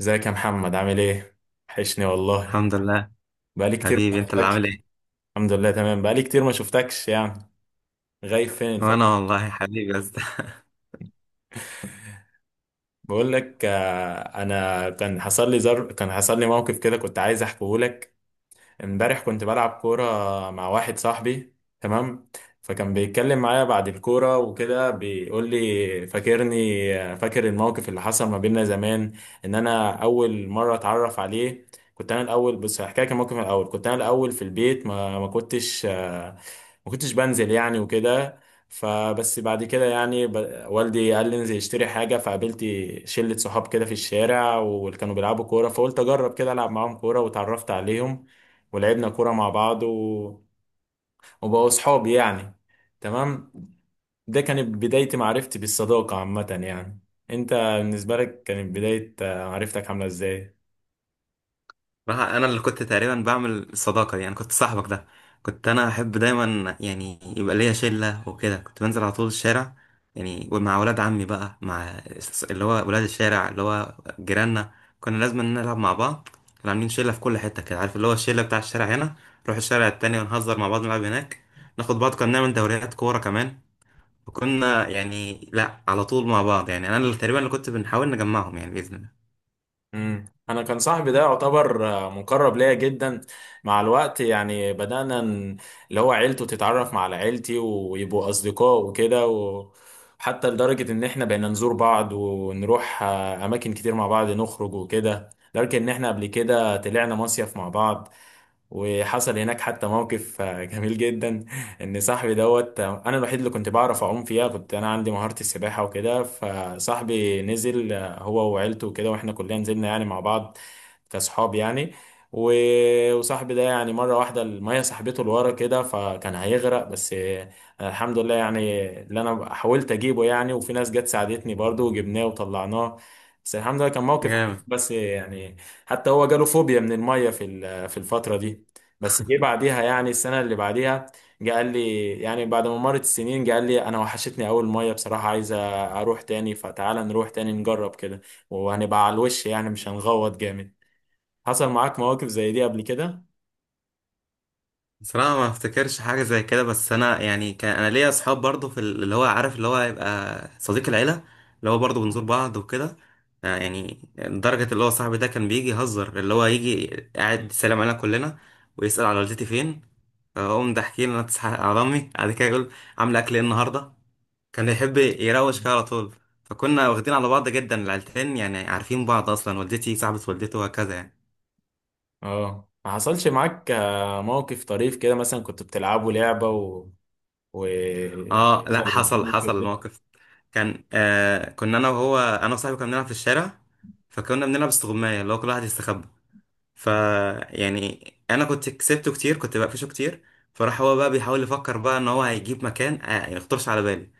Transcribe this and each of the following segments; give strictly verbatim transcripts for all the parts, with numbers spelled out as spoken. ازيك يا محمد، عامل ايه؟ وحشني والله. الحمد لله. بقالي كتير ما حبيبي انت اللي شفتكش. عامل ايه؟ الحمد لله تمام. بقالي كتير ما شفتكش يعني. غايب فين الفترة؟ وانا والله حبيبي يا اسطى. بقول لك، آه، انا كان حصل لي زر كان حصل لي موقف كده، كنت عايز احكيه لك. امبارح كنت بلعب كورة مع واحد صاحبي، تمام. فكان بيتكلم معايا بعد الكورة وكده، بيقول لي فاكرني، فاكر الموقف اللي حصل ما بيننا زمان، ان انا اول مرة اتعرف عليه. كنت انا الاول، بص، هحكي لك الموقف من الاول. كنت انا الاول في البيت. ما ما كنتش آه، ما كنتش بنزل يعني وكده. فبس بعد كده يعني، ب... والدي قال لي انزل اشتري حاجة، فقابلت شلة صحاب كده في الشارع، واللي كانوا بيلعبوا كورة، فقلت اجرب كده العب معاهم كورة، واتعرفت عليهم. ولعبنا كورة مع بعض، و... وبقوا صحابي يعني. تمام. ده كانت بداية معرفتي بالصداقة عامة يعني. انت بالنسبة لك، كانت بداية آه، معرفتك عاملة ازاي؟ بقى انا اللي كنت تقريبا بعمل الصداقه دي يعني، كنت صاحبك ده. كنت انا احب دايما يعني يبقى ليا شله وكده، كنت بنزل على طول الشارع يعني مع ولاد عمي بقى، مع اللي هو ولاد الشارع اللي هو جيراننا. كنا لازم نلعب مع بعض. كنا عاملين شله في كل حته كده، عارف اللي هو الشله بتاع الشارع هنا، نروح الشارع التاني ونهزر مع بعض نلعب هناك ناخد بعض. كنا بنعمل دوريات كوره كمان. كنا يعني لا على طول مع بعض يعني، انا اللي تقريبا اللي كنت بنحاول نجمعهم يعني باذن الله. مم. انا كان صاحبي ده يعتبر آه، مقرب ليا جدا. مع الوقت يعني بدأنا ن- اللي هو عيلته تتعرف مع على عيلتي ويبقوا اصدقاء وكده و... حتى لدرجة إن إحنا بقينا نزور بعض، ونروح آه، أماكن كتير مع بعض، نخرج وكده، لدرجة إن إحنا قبل كده طلعنا مصيف مع بعض. وحصل هناك حتى موقف آه، جميل جدا. ان صاحبي دوت، آه، انا الوحيد اللي كنت بعرف اعوم فيها. كنت انا عندي مهارة السباحة وكده. فصاحبي نزل آه، هو وعيلته وكده، واحنا كلنا نزلنا يعني مع بعض كاصحاب يعني. و- وصاحبي ده يعني مرة واحدة المية سحبته لورا كده، فكان هيغرق بس آه، الحمد لله يعني اللي انا حاولت اجيبه يعني، وفي ناس جت ساعدتني برضو، وجبناه وطلعناه. بس الحمد لله كان موقف حلو، جامد. بس يعني. حتى هو جاله فوبيا من المية في ال- آه، في الفترة دي. بس جه بعديها يعني السنة اللي بعديها. جه قال لي يعني بعد ما مرت السنين جه قال لي: أنا وحشتني أول مية بصراحة، عايز أروح تاني، فتعالى نروح تاني نجرب كده. وهنبقى على الوش يعني، مش هنغوط جامد. حصل معاك مواقف زي دي قبل كده؟ بصراحه ما افتكرش حاجه زي كده. بس انا يعني كان انا ليا اصحاب برضو في ال- اللي هو، عارف اللي هو هيبقى صديق العيله، اللي هو برضو بنزور بعض وكده. آه، يعني لدرجه اللي هو صاحبي ده كان بيجي يهزر، اللي هو يجي قاعد يسلم علينا كلنا ويسال على والدتي فين، اقوم ضاحكين انا تصحى على امي. بعد كده يقول عامله اكل ايه النهارده. كان يحب يروش كده على طول. فكنا واخدين على بعض جدا العيلتين يعني، عارفين بعض اصلا، والدتي صاحبة والدته وهكذا يعني. اه، ما حصلش معاك آه، موقف طريف كده، مثلا كنت بتلعبوا لعبة، و و يعني اه لا، حصل في حصل موقف حصل ده؟ الموقف. كان آه كنا انا وهو انا وصاحبي كنا بنلعب في الشارع. فكنا بنلعب استغماية، اللي هو كل واحد يستخبى. ف يعني انا كنت كسبته كتير، كنت بقفشه كتير. فراح هو بقى بيحاول يفكر بقى ان هو هيجيب مكان آه ما يخطرش على بالي.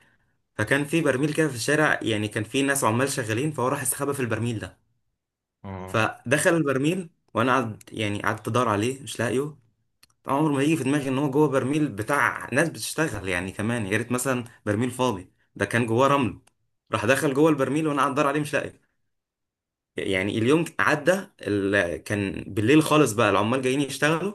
فكان في برميل كده في الشارع، يعني كان في ناس عمال شغالين، فهو راح استخبى في البرميل ده. اه. فدخل البرميل وانا قعد يعني قعدت ادور عليه مش لاقيه. طبعا عمره ما يجي في دماغي ان هو جوه برميل بتاع ناس بتشتغل، يعني كمان يا ريت مثلا برميل فاضي، ده كان جواه رمل. راح دخل جوه البرميل وانا قاعد ادور عليه مش لاقيه يعني. اليوم عدى ال- كان بالليل خالص بقى العمال جايين يشتغلوا.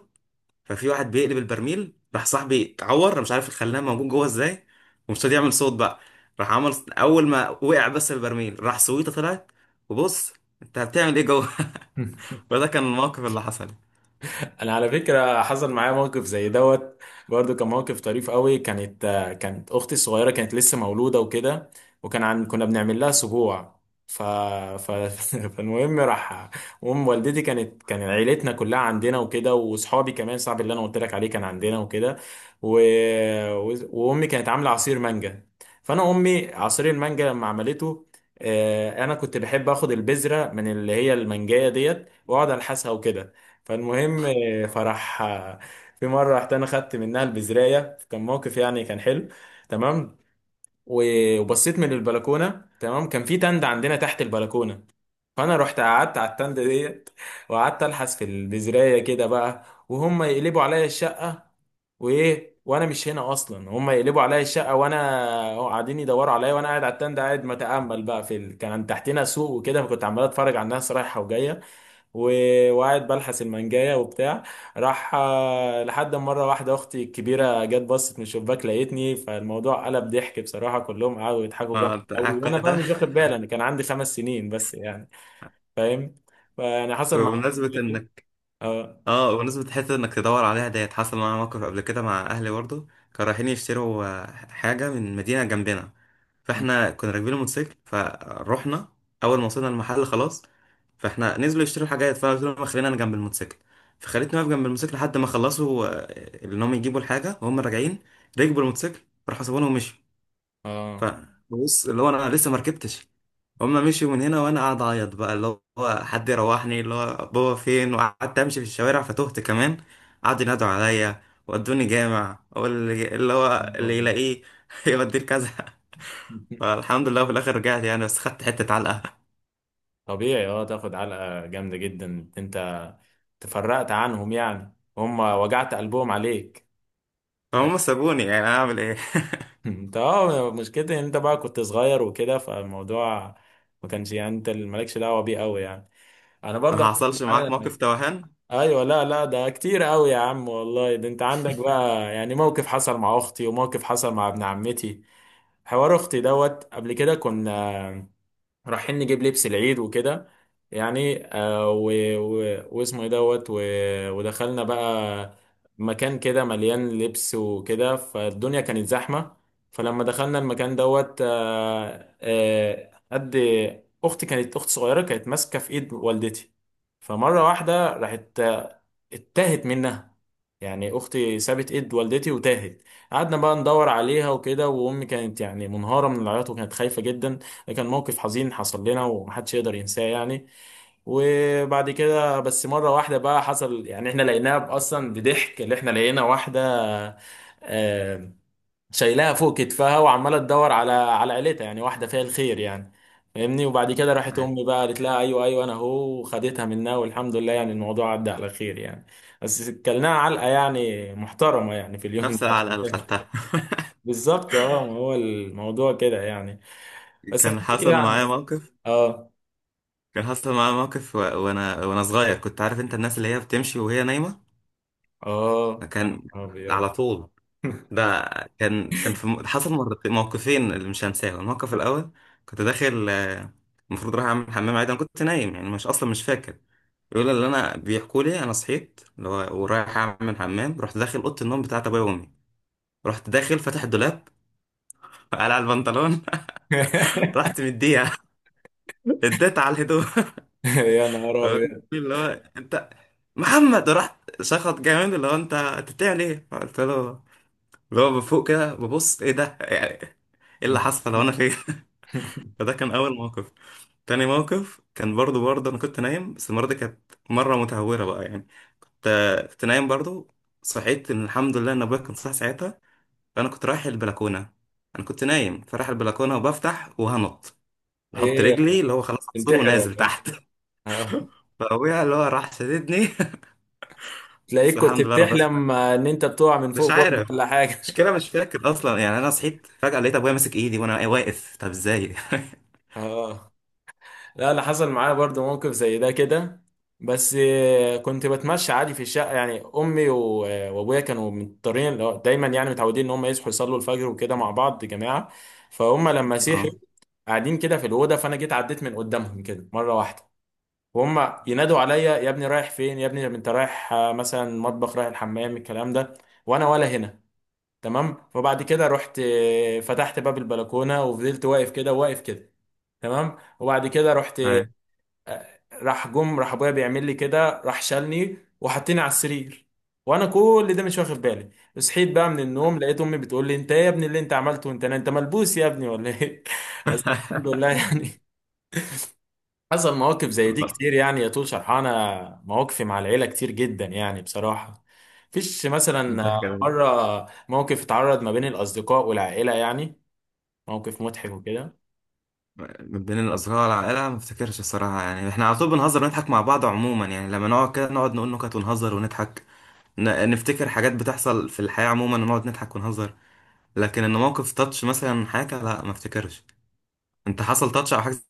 ففي واحد بيقلب البرميل، راح صاحبي اتعور، أنا مش عارف الخلاه موجود جوه ازاي، ومش راضي يعمل صوت بقى. راح عمل اول ما وقع بس البرميل راح سويته طلعت وبص: انت هتعمل ايه جوه؟ فده كان الموقف اللي حصل. انا على فكره حصل معايا موقف زي دوت برضو، كان موقف طريف قوي. كانت آه، كانت اختي الصغيره كانت لسه مولوده وكده. وكان عن كنا بنعمل لها سبوع. ف... ف... فالمهم راح. ام والدتي كانت كان عيلتنا كلها عندنا وكده، واصحابي كمان، صاحبي اللي انا قلت لك عليه كان عندنا وكده. و... و... وامي كانت عامله عصير مانجا. فانا امي عصير المانجا لما عملته، آه، انا كنت بحب اخد البذره من اللي هي المانجايه ديت، واقعد الحسها وكده. فالمهم، فراح في مره رحت انا خدت منها البزرايه، كان موقف يعني كان حلو، تمام. و- وبصيت من البلكونه. تمام. كان في تند عندنا تحت البلكونه. فانا رحت قعدت على التند ديت، وقعدت الحس في البزرايه كده بقى، وهم يقلبوا عليا الشقه. وايه، وانا مش هنا اصلا، هم يقلبوا عليا الشقه، وانا قاعدين يدوروا عليا، وانا قاعد على التند، قاعد متامل بقى في ال... كان تحتنا سوق وكده، فكنت عمال اتفرج على الناس رايحه وجايه. و- وقاعد بلحس المانجايه وبتاع. راح آه، لحد ما مره واحده اختي الكبيره جت بصت من الشباك لقيتني. فالموضوع قلب ضحك بصراحه، كلهم قعدوا يضحكوا جامد آه، أنت قاعد قوي، وانا كل بقى ده. مش واخد بالي، انا كان عندي خمس سنين بس يعني. فاهم. فانا حصل مع. بمناسبة انك، اه. اه بمناسبة حتة انك تدور عليها ديت، حصل معايا موقف قبل كده مع اهلي برضه. كانوا رايحين يشتروا آه، حاجة من مدينة جنبنا. م- فاحنا كنا راكبين الموتوسيكل فروحنا. اول ما وصلنا المحل خلاص، فاحنا نزلوا يشتروا الحاجات. فانا قلت لهم خلينا انا جنب الموتوسيكل. فخليتني واقف جنب الموتوسيكل لحد ما خلصوا. آه، ان هم يجيبوا الحاجة. وهم راجعين ركبوا الموتوسيكل، راحوا سابونا ومشوا. اه. فبص اللي هو انا لسه ما ركبتش. هما مشيوا من هنا وانا قاعد اعيط بقى، اللي هو حد يروحني، اللي هو بابا فين. وقعدت امشي في الشوارع فتهت كمان. قعدوا ينادوا عليا ودوني جامع، واللي اللي هو اللي يلاقيه يوديه لكذا. فالحمد لله في الاخر رجعت يعني، بس خدت حتة علقة. طبيعي، اه، تاخد علقه جامده جدا انت، تفرقت عنهم يعني، هم وجعت قلبهم عليك. فهم سابوني، يعني اعمل ايه. انت اه، مشكلتي ان انت بقى كنت صغير وكده، فالموضوع ما كانش، يعني انت اللي مالكش دعوه بيه قوي يعني. انا برضه ما حصلت حصلش معاك معايا. موقف توهان ايوه، لا لا، ده كتير قوي يا عم والله. ده انت عندك بقى يعني موقف حصل مع اختي، وموقف حصل مع ابن عمتي. حوار اختي دوت، قبل كده كنا رايحين نجيب لبس العيد وكده يعني، آه و... و... واسمه ايه دوت و... ودخلنا بقى مكان كده مليان لبس وكده، فالدنيا كانت زحمة. فلما دخلنا المكان دوت آه آه قد اختي كانت اخت صغيرة كانت ماسكة في ايد والدتي. فمرة واحدة راحت آه، اتاهت منها، يعني اختي سابت ايد والدتي وتاهت. قعدنا بقى ندور عليها وكده، وامي كانت يعني منهارة من العياط، وكانت خايفة جدا. ده كان موقف حزين حصل لنا، ومحدش يقدر ينساه يعني. وبعد كده بس مرة واحدة بقى حصل يعني احنا لقيناها اصلا بضحك، اللي احنا لقينا واحدة آه، شايلاها فوق كتفها وعمالة تدور على على عيلتها، يعني واحدة فيها الخير يعني. فاهمني، وبعد كده راحت يعني؟ امي بقى قالت لها: ايوه، ايوه، انا اهو، وخدتها منها، والحمد لله يعني الموضوع عدى على خير يعني. بس كلناها علقة يعني محترمة يعني في اليوم نفس ده العلقة عشان اللي كده. خدتها. بالظبط، اه، ما هو الموضوع كده يعني. بس كان احكي لي كده حصل عن. معايا موقف. اه. كان حصل معايا موقف و- وانا وانا صغير، كنت عارف انت الناس اللي هي بتمشي وهي نايمة. اه. يا كان نهار ابيض. على طول ده. كان كان في م- حصل مرتين موقفين اللي مش هنساهم. الموقف الاول، كنت داخل آه، المفروض رايح اعمل حمام عادي. انا كنت نايم يعني مش اصلا مش فاكر. بيقول اللي انا بيحكوا لي انا صحيت اللي هو ورايح اعمل حمام، رحت داخل اوضه النوم بتاعت ابويا وامي. رحت داخل فاتح الدولاب، قلع البنطلون. رحت مديها، اديت على الهدوم. يا نهار ابيض. اللي هو انت، محمد، رحت شخط جامد، اللي هو انت، أنت بتعمل ايه؟ قلت له اللي هو بفوق كده ببص ايه ده، يعني ايه اللي حصل، هو انا فين؟ فده كان اول موقف. تاني موقف كان برضو برضو انا كنت نايم. بس المره دي كانت مره متهوره بقى يعني. كنت كنت نايم برضو. صحيت، ان الحمد لله ان ابويا كان صاحي ساعتها. فانا كنت رايح البلكونه. انا كنت نايم فرايح البلكونه وبفتح وهنط، بحط ايه، رجلي اللي هو خلاص اكسور تنتحر ولا ونازل ايه؟ تحت. اه، فابويا اللي هو راح شددني. بس تلاقيك كنت الحمد لله رب بس. بتحلم ان انت بتقع من مش فوق برج عارف ولا حاجه. المشكله، مش فاكر اصلا يعني. انا صحيت فجاه لقيت ابويا ماسك ايدي وانا واقف، طب ازاي؟ اه، لا، انا حصل معايا برضو موقف زي ده كده، بس آه، كنت بتمشى عادي في الشقه، يعني امي و- آه، وابويا كانوا مضطرين، اللي هو دايما يعني متعودين ان هم يصحوا يصلوا الفجر وكده مع بعض جماعه. فهم لما صحوا، اه، قاعدين كده في الاوضه، فانا جيت عديت من قدامهم كده مره واحده. وهم ينادوا عليا: يا ابني رايح فين، يا ابني انت رايح آه، مثلا مطبخ، رايح الحمام، الكلام ده. وانا ولا هنا. تمام. فبعد كده رحت آه، فتحت باب البلكونه، وفضلت واقف كده واقف كده. تمام. وبعد كده رحت أيوة. آه، راح جم راح ابويا بيعمل لي كده، راح شالني وحطني على السرير. وانا كل ده مش واخد بالي. صحيت بقى من النوم لقيت امي بتقول لي: انت ايه يا ابني اللي انت عملته، انت انت ملبوس يا ابني ولا ايه؟ بس الحمد لله يعني. حصل مواقف زي دي كتير يعني، يا طول شرحانة مواقفي مع العيلة كتير جدا يعني بصراحة. فيش مثلا ده كده. مرة موقف اتعرض ما بين الأصدقاء والعائلة يعني، موقف مضحك وكده. من بين الأصدقاء والعائلة ما افتكرش الصراحة يعني. احنا على طول بنهزر ونضحك مع بعض عموما يعني. لما نقعد كده نقعد نقول نكت ونهزر ونضحك، ن- نفتكر حاجات بتحصل في الحياة عموما ونقعد نضحك ونهزر. لكن ان موقف تاتش مثلا حاجة، لا ما افتكرش. انت حصل تاتش او حاجة زي-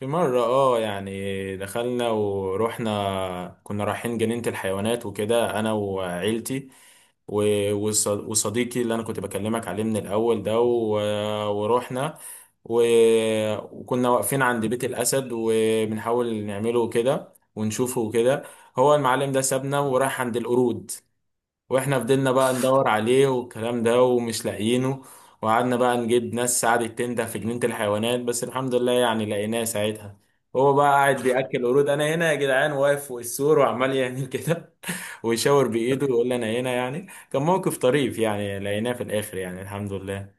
في مرة، اه، يعني دخلنا، ورحنا كنا رايحين جنينة الحيوانات وكده، أنا وعيلتي و- وص- وصديقي اللي انا كنت بكلمك عليه من الاول ده، و- ورحنا و- وكنا واقفين عند بيت الاسد وبنحاول نعمله كده ونشوفه كده. هو المعلم ده سابنا وراح عند القرود، واحنا فضلنا بقى ندور عليه والكلام ده ومش لاقيينه. وقعدنا بقى نجيب ناس قعدت تنده في جنينة الحيوانات، بس الحمد لله يعني لقيناه ساعتها. هو بقى قاعد بياكل قرود: انا هنا يا جدعان، واقف فوق السور وعمال يعمل كده ويشاور بايده ويقول لي انا هنا. يعني كان موقف طريف يعني، لقيناه في الاخر يعني، الحمد لله.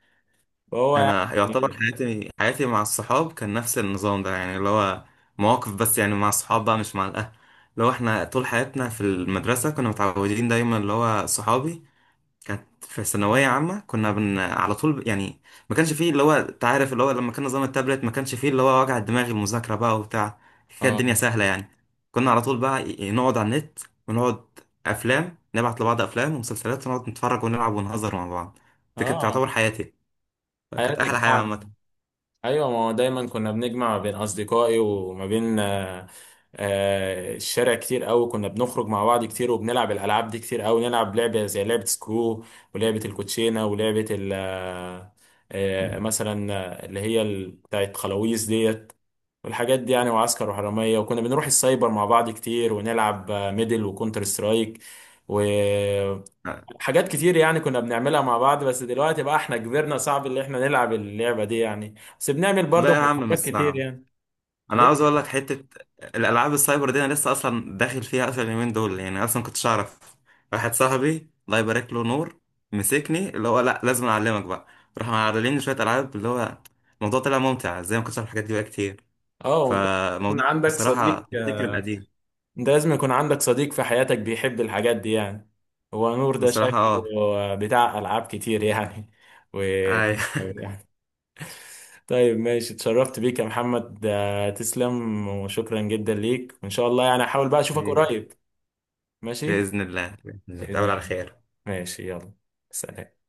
فهو انا يعتبر يعني. حياتي، حياتي مع الصحاب كان نفس النظام ده يعني. اللي هو مواقف بس يعني مع الصحاب بقى مش مع الأهل. اللي هو احنا طول حياتنا في المدرسة كنا متعودين دايما اللي هو صحابي. كانت في ثانوية عامة، كنا بن على طول ب... يعني ما كانش فيه اللي هو انت عارف اللي هو لما كان نظام التابلت، ما كانش فيه اللي هو وجع الدماغ المذاكرة بقى وبتاع. كانت الدنيا اه. سهلة يعني. كنا على طول بقى ي- نقعد على النت، ونقعد أفلام نبعت لبعض أفلام ومسلسلات ونقعد نتفرج ونلعب ونهزر مع بعض. دي كانت اه. تعتبر حياتي. كانت أحلى حياتك حياة معنا. عامة. ايوه، ما هو دايما كنا بنجمع ما بين اصدقائي وما بين آه، آه، الشارع كتير قوي، كنا بنخرج مع بعض كتير، وبنلعب الالعاب دي كتير قوي. نلعب لعبه زي لعبه سكرو، ولعبه الكوتشينه، ولعبه ال آه، آه، مثلا آه، اللي هي ال- بتاعت خلاويص ديت. والحاجات دي يعني، وعسكر وحراميه، وكنا بنروح السايبر مع بعض كتير ونلعب آه، ميدل وكونتر سترايك. حاجات كتير يعني كنا بنعملها مع بعض، بس دلوقتي بقى احنا كبرنا، صعب اللي احنا نلعب اللعبة دي يعني، بس بنعمل برضه لا يا عم مش مغامرات كتير صعب. يعني. انا ليه؟ عاوز اقول لك حته. الالعاب السايبر دي انا لسه اصلا داخل فيها اصلا اليومين دول يعني. اصلا كنتش اعرف. واحد صاحبي الله يبارك له، نور، مسكني اللي هو لا لازم اعلمك بقى. راح معلمني شويه العاب، اللي هو الموضوع طلع ممتع زي ما كنتش اعرف الحاجات دي بقى كتير. اه، وانت يكون فموضوع عندك صديق بصراحه الفكر القديم. انت لازم يكون عندك صديق في حياتك بيحب الحاجات دي يعني. هو نور ده بصراحه اه. شكله بتاع ألعاب كتير يعني. و أي. يعني. طيب، ماشي، اتشرفت بيك يا محمد. آه، تسلم وشكرا جدا ليك، وإن شاء الله يعني أحاول بقى أشوفك قريب. ماشي. باذن الله باذن الله بإذن نتقابل على الله. خير. ماشي. يلا. سلام.